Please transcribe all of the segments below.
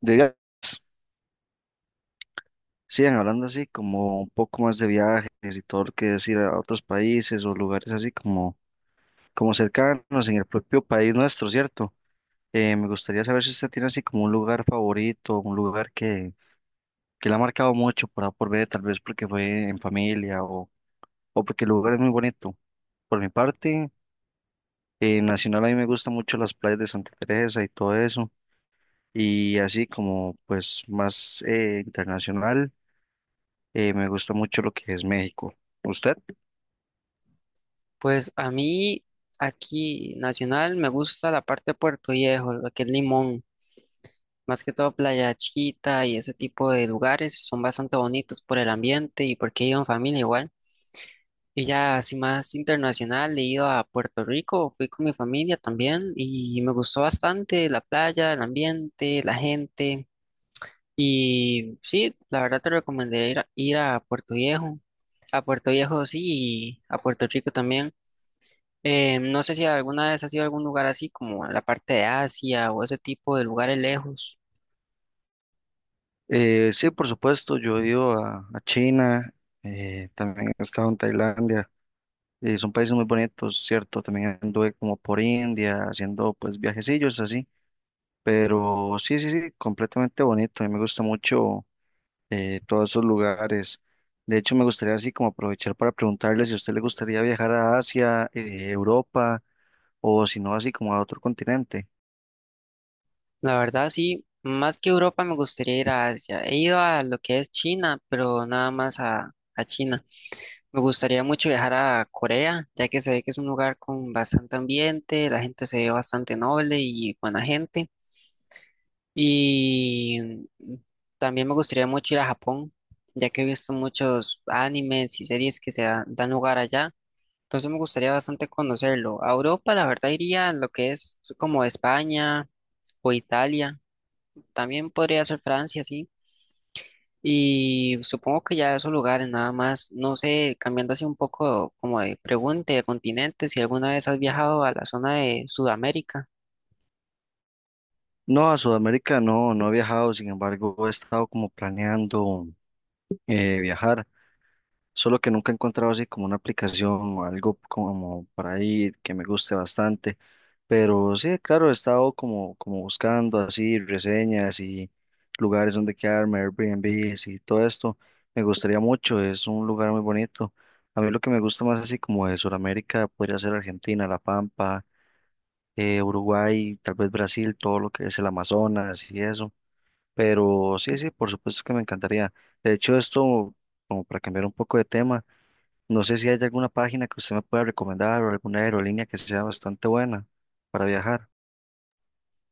De viajes. Sigan hablando así como un poco más de viajes y todo lo que es ir a otros países o lugares así como, como cercanos en el propio país nuestro, ¿cierto? Me gustaría saber si usted tiene así como un lugar favorito, un lugar que le ha marcado mucho por ver tal vez porque fue en familia o porque el lugar es muy bonito. Por mi parte, en Nacional a mí me gustan mucho las playas de Santa Teresa y todo eso. Y así como pues más internacional. Me gusta mucho lo que es México. ¿Usted? Pues a mí aquí nacional me gusta la parte de Puerto Viejo, lo que es Limón, más que todo Playa Chiquita y ese tipo de lugares son bastante bonitos por el ambiente y porque he ido en familia igual. Y ya así más internacional he ido a Puerto Rico, fui con mi familia también y me gustó bastante la playa, el ambiente, la gente y sí, la verdad te recomendaría ir a Puerto Viejo, a Puerto Viejo sí y a Puerto Rico también. No sé si alguna vez has ido a algún lugar así como a la parte de Asia o ese tipo de lugares lejos. Sí, por supuesto, yo he ido a China, también he estado en Tailandia. Son países muy bonitos, ¿cierto? También anduve como por India, haciendo pues viajecillos así. Pero sí, sí, sí, completamente bonito. A mí me gusta mucho todos esos lugares. De hecho, me gustaría así como aprovechar para preguntarle si a usted le gustaría viajar a Asia, Europa o si no, así como a otro continente. La verdad sí, más que Europa me gustaría ir a Asia. He ido a lo que es China, pero nada más a China. Me gustaría mucho viajar a Corea, ya que se ve que es un lugar con bastante ambiente, la gente se ve bastante noble y buena gente. Y mm, también me gustaría mucho ir a Japón, ya que he visto muchos animes y series que se dan lugar allá. Entonces me gustaría bastante conocerlo. A Europa, la verdad, iría lo que es como España o Italia. También podría ser Francia, sí. Y supongo que ya esos lugares nada más. No sé, cambiando así un poco como de pregunta y de continente, si alguna vez has viajado a la zona de Sudamérica. No, a Sudamérica no, no he viajado, sin embargo, he estado como planeando viajar, solo que nunca he encontrado así como una aplicación o algo como para ir que me guste bastante, pero sí, claro, he estado como, como buscando así reseñas y lugares donde quedarme, Airbnbs y todo esto, me gustaría mucho, es un lugar muy bonito. A mí lo que me gusta más así como de Sudamérica podría ser Argentina, La Pampa, Uruguay, tal vez Brasil, todo lo que es el Amazonas y eso. Pero sí, sí, por supuesto que me encantaría. De hecho, esto, como para cambiar un poco de tema, no sé si hay alguna página que usted me pueda recomendar o alguna aerolínea que sea bastante buena para viajar.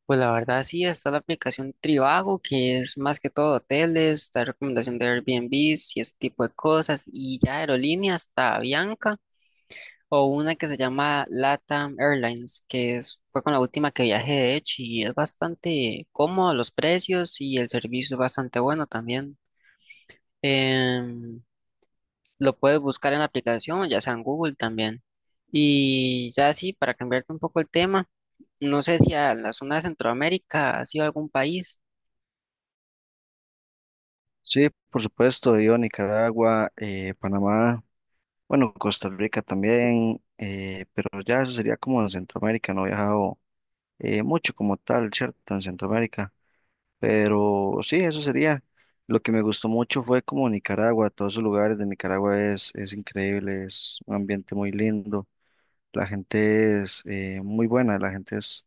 Pues la verdad sí, está la aplicación Trivago, que es más que todo hoteles, la recomendación de Airbnb y ese tipo de cosas, y ya aerolíneas, está Avianca. O una que se llama LATAM Airlines, fue con la última que viajé de hecho y es bastante cómodo los precios y el servicio es bastante bueno también. Em, lo puedes buscar en la aplicación, ya sea en Google también. Y ya sí, para cambiarte un poco el tema, no sé si a la zona de Centroamérica ha sido algún país. Sí, por supuesto, yo a Nicaragua, Panamá, bueno, Costa Rica también, pero ya eso sería como en Centroamérica, no he viajado mucho como tal, ¿cierto? En Centroamérica. Pero sí, eso sería. Lo que me gustó mucho fue como Nicaragua, todos esos lugares de Nicaragua es increíble, es un ambiente muy lindo, la gente es muy buena, la gente es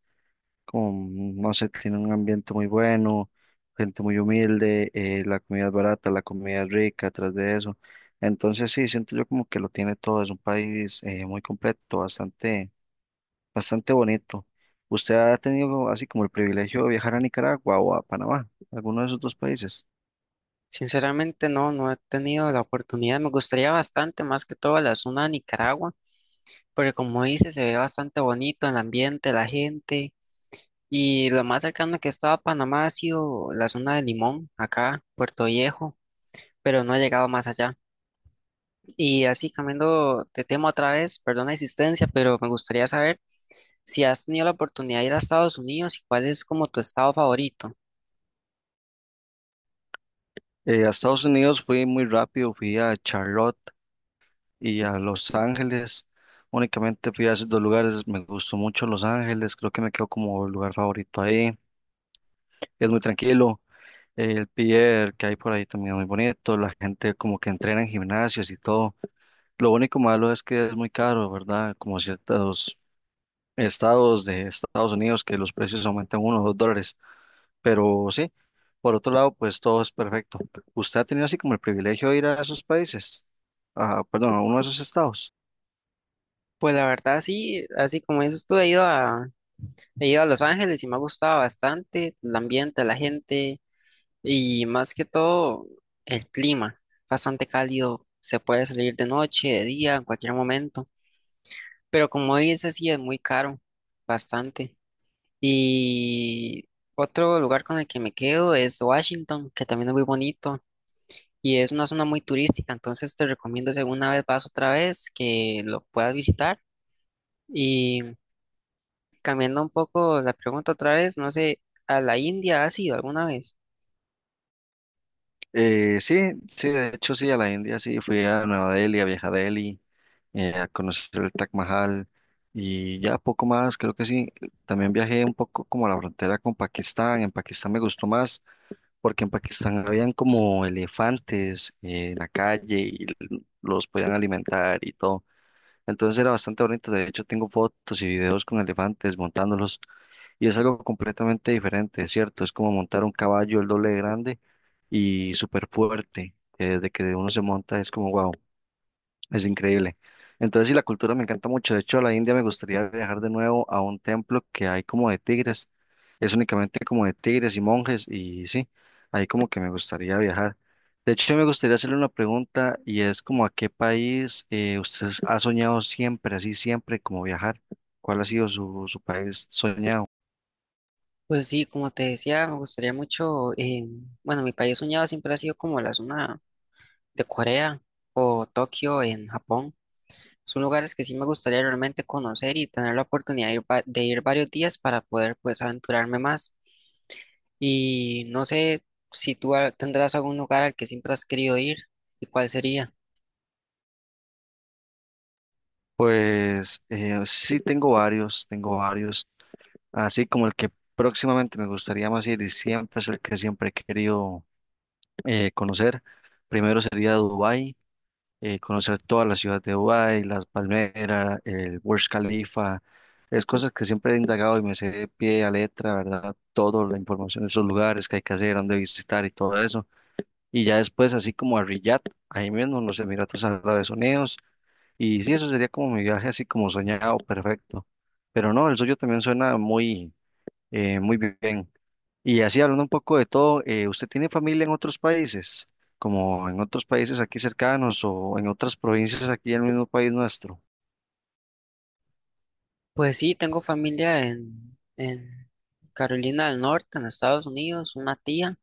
como, no sé, tiene un ambiente muy bueno, gente muy humilde, la comida es barata, la comida es rica, atrás de eso. Entonces sí, siento yo como que lo tiene todo, es un país muy completo, bastante bastante bonito. ¿Usted ha tenido así como el privilegio de viajar a Nicaragua o a Panamá, alguno de esos dos países? Sinceramente no, no he tenido la oportunidad. Me gustaría bastante, más que todo, la zona de Nicaragua, porque como dice, se ve bastante bonito el ambiente, la gente. Y lo más cercano que estaba a Panamá ha sido la zona de Limón, acá, Puerto Viejo, pero no he llegado más allá. Y así cambiando de tema otra vez, perdón la insistencia, pero me gustaría saber si has tenido la oportunidad de ir a Estados Unidos y cuál es como tu estado favorito. A Estados Unidos fui muy rápido, fui a Charlotte y a Los Ángeles. Únicamente fui a esos dos lugares, me gustó mucho Los Ángeles, creo que me quedó como el lugar favorito ahí. Es muy tranquilo, el pier que hay por ahí también es muy bonito, la gente como que entrena en gimnasios y todo. Lo único malo es que es muy caro, ¿verdad? Como ciertos estados de Estados Unidos que los precios aumentan uno o dos dólares. Pero sí, por otro lado, pues todo es perfecto. ¿Usted ha tenido así como el privilegio de ir a esos países? Ah, perdón, a uno de esos estados. Pues la verdad sí, así como dices tú, he ido a Los Ángeles y me ha gustado bastante el ambiente, la gente y más que todo el clima, bastante cálido, se puede salir de noche, de día, en cualquier momento. Pero como dices, sí es muy caro, bastante. Y otro lugar con el que me quedo es Washington, que también es muy bonito y es una zona muy turística, entonces te recomiendo si alguna vez vas otra vez que lo puedas visitar. Y cambiando un poco la pregunta otra vez, no sé, ¿a la India has ido alguna vez? Sí, sí, de hecho sí, a la India sí, fui a Nueva Delhi, a Vieja Delhi, a conocer el Taj Mahal y ya poco más, creo que sí. También viajé un poco como a la frontera con Pakistán, en Pakistán me gustó más porque en Pakistán habían como elefantes en la calle y los podían alimentar y todo. Entonces era bastante bonito, de hecho tengo fotos y videos con elefantes montándolos y es algo completamente diferente, ¿cierto? Es como montar un caballo el doble de grande y súper fuerte, que desde que uno se monta es como wow. Es increíble. Entonces, sí, la cultura me encanta mucho. De hecho, a la India me gustaría viajar de nuevo a un templo que hay como de tigres. Es únicamente como de tigres y monjes y sí, ahí como que me gustaría viajar. De hecho, me gustaría hacerle una pregunta y es como a qué país usted ha soñado siempre, así siempre, como viajar. ¿Cuál ha sido su, su país soñado? Pues sí, como te decía, me gustaría mucho, bueno, mi país soñado siempre ha sido como la zona de Corea o Tokio en Japón. Son lugares que sí me gustaría realmente conocer y tener la oportunidad de de ir varios días para poder pues aventurarme más. Y no sé si tú tendrás algún lugar al que siempre has querido ir y cuál sería. Pues sí, tengo varios, tengo varios. Así como el que próximamente me gustaría más ir y siempre es el que siempre he querido conocer. Primero sería Dubái, conocer toda la ciudad de Dubái, las palmeras, el Burj Khalifa, es cosas que siempre he indagado y me sé de pie a letra, ¿verdad? Toda la información de esos lugares que hay que hacer, dónde visitar y todo eso. Y ya después, así como a Riyadh, ahí mismo en los Emiratos Árabes Unidos. Y sí, eso sería como mi viaje así como soñado, perfecto. Pero no, el suyo también suena muy, muy bien. Y así hablando un poco de todo, ¿usted tiene familia en otros países, como en otros países aquí cercanos o en otras provincias aquí en el mismo país nuestro? Pues sí, tengo familia en Carolina del Norte, en Estados Unidos, una tía.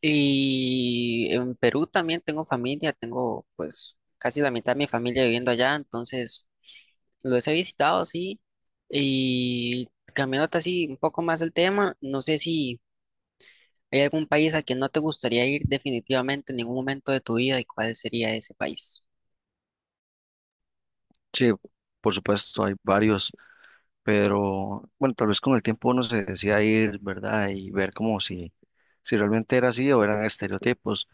Y en Perú también tengo familia, tengo pues casi la mitad de mi familia viviendo allá, entonces los he visitado, sí. Y cambiándote así un poco más el tema, no sé si hay algún país al que no te gustaría ir definitivamente en ningún momento de tu vida y cuál sería ese país. Sí, por supuesto, hay varios, pero bueno, tal vez con el tiempo uno se decía ir, ¿verdad? Y ver como si, si realmente era así o eran estereotipos.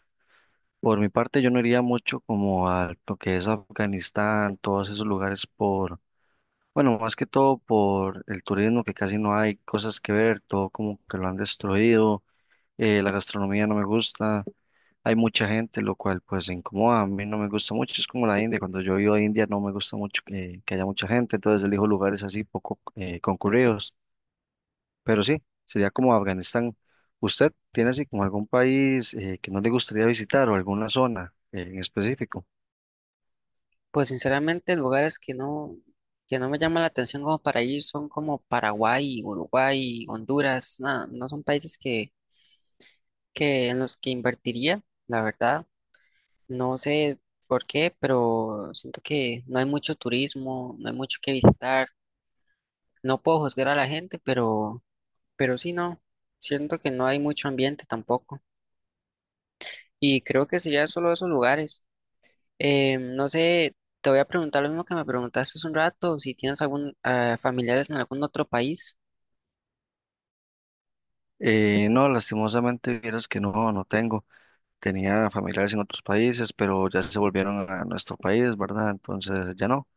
Por mi parte, yo no iría mucho como a lo que es Afganistán, todos esos lugares por, bueno, más que todo por el turismo, que casi no hay cosas que ver, todo como que lo han destruido la gastronomía no me gusta, hay mucha gente, lo cual pues incomoda, a mí no me gusta mucho, es como la India, cuando yo iba a India no me gusta mucho que haya mucha gente, entonces elijo lugares así poco concurridos, pero sí, sería como Afganistán. ¿Usted tiene así como algún país que no le gustaría visitar o alguna zona en específico? Pues sinceramente lugares que no me llaman la atención como para ir son como Paraguay, Uruguay, Honduras, nada, no son que en los que invertiría, la verdad. No sé por qué, pero siento que no hay mucho turismo, no hay mucho que visitar. No puedo juzgar a la gente, pero sí, no. Siento que no hay mucho ambiente tampoco. Y creo que sería solo esos lugares. No sé, te voy a preguntar lo mismo que me preguntaste hace un rato, si tienes algún familiares en algún otro país. No, lastimosamente, vieras que no, no tengo. Tenía familiares en otros países, pero ya se volvieron a nuestro país, ¿verdad? Entonces ya no.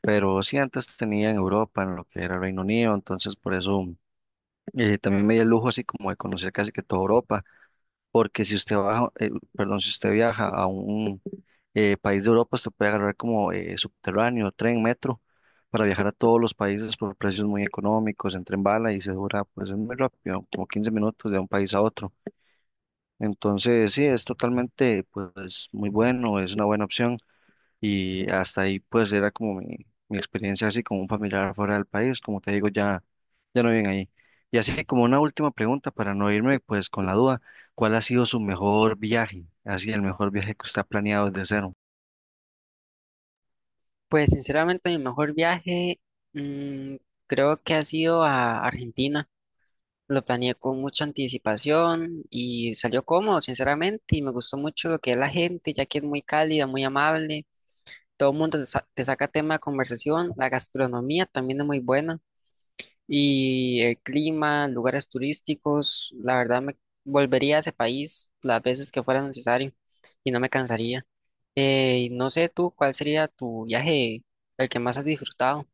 Pero sí antes tenía en Europa, en lo que era Reino Unido, entonces por eso también me di el lujo así como de conocer casi que toda Europa, porque si usted baja, perdón, si usted viaja a un país de Europa, usted puede agarrar como subterráneo, tren, metro, para viajar a todos los países por precios muy económicos, en tren bala y se dura, pues es muy rápido, como 15 minutos de un país a otro. Entonces, sí, es totalmente, pues, muy bueno, es una buena opción y hasta ahí pues era como mi experiencia así como un familiar fuera del país, como te digo, ya, ya no viven ahí. Y así como una última pregunta para no irme pues con la duda, ¿cuál ha sido su mejor viaje? Así el mejor viaje que usted ha planeado desde cero. Pues sinceramente mi mejor viaje mm, creo que ha sido a Argentina. Lo planeé con mucha anticipación y salió cómodo, sinceramente, y me gustó mucho lo que es la gente, ya que es muy cálida, muy amable, todo el mundo te saca tema de conversación, la gastronomía también es muy buena, y el clima, lugares turísticos, la verdad me volvería a ese país las veces que fuera necesario y no me cansaría. Y no sé tú, ¿cuál sería tu viaje, el que más has disfrutado?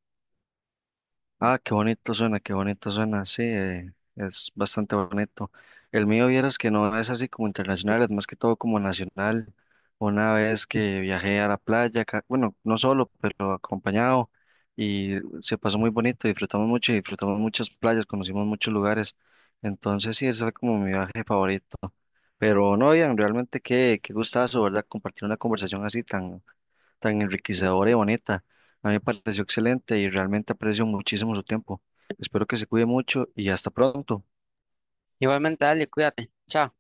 Ah, qué bonito suena, sí, es bastante bonito. El mío, vieras que no es así como internacional, es más que todo como nacional. Una vez que viajé a la playa, bueno, no solo, pero acompañado, y se pasó muy bonito, disfrutamos mucho y disfrutamos muchas playas, conocimos muchos lugares. Entonces, sí, ese fue como mi viaje favorito. Pero no, bien, realmente qué, qué gustazo, ¿verdad? Compartir una conversación así tan tan enriquecedora y bonita. A mí me pareció excelente y realmente aprecio muchísimo su tiempo. Espero que se cuide mucho y hasta pronto. Igualmente, dale, cuídate. Chao.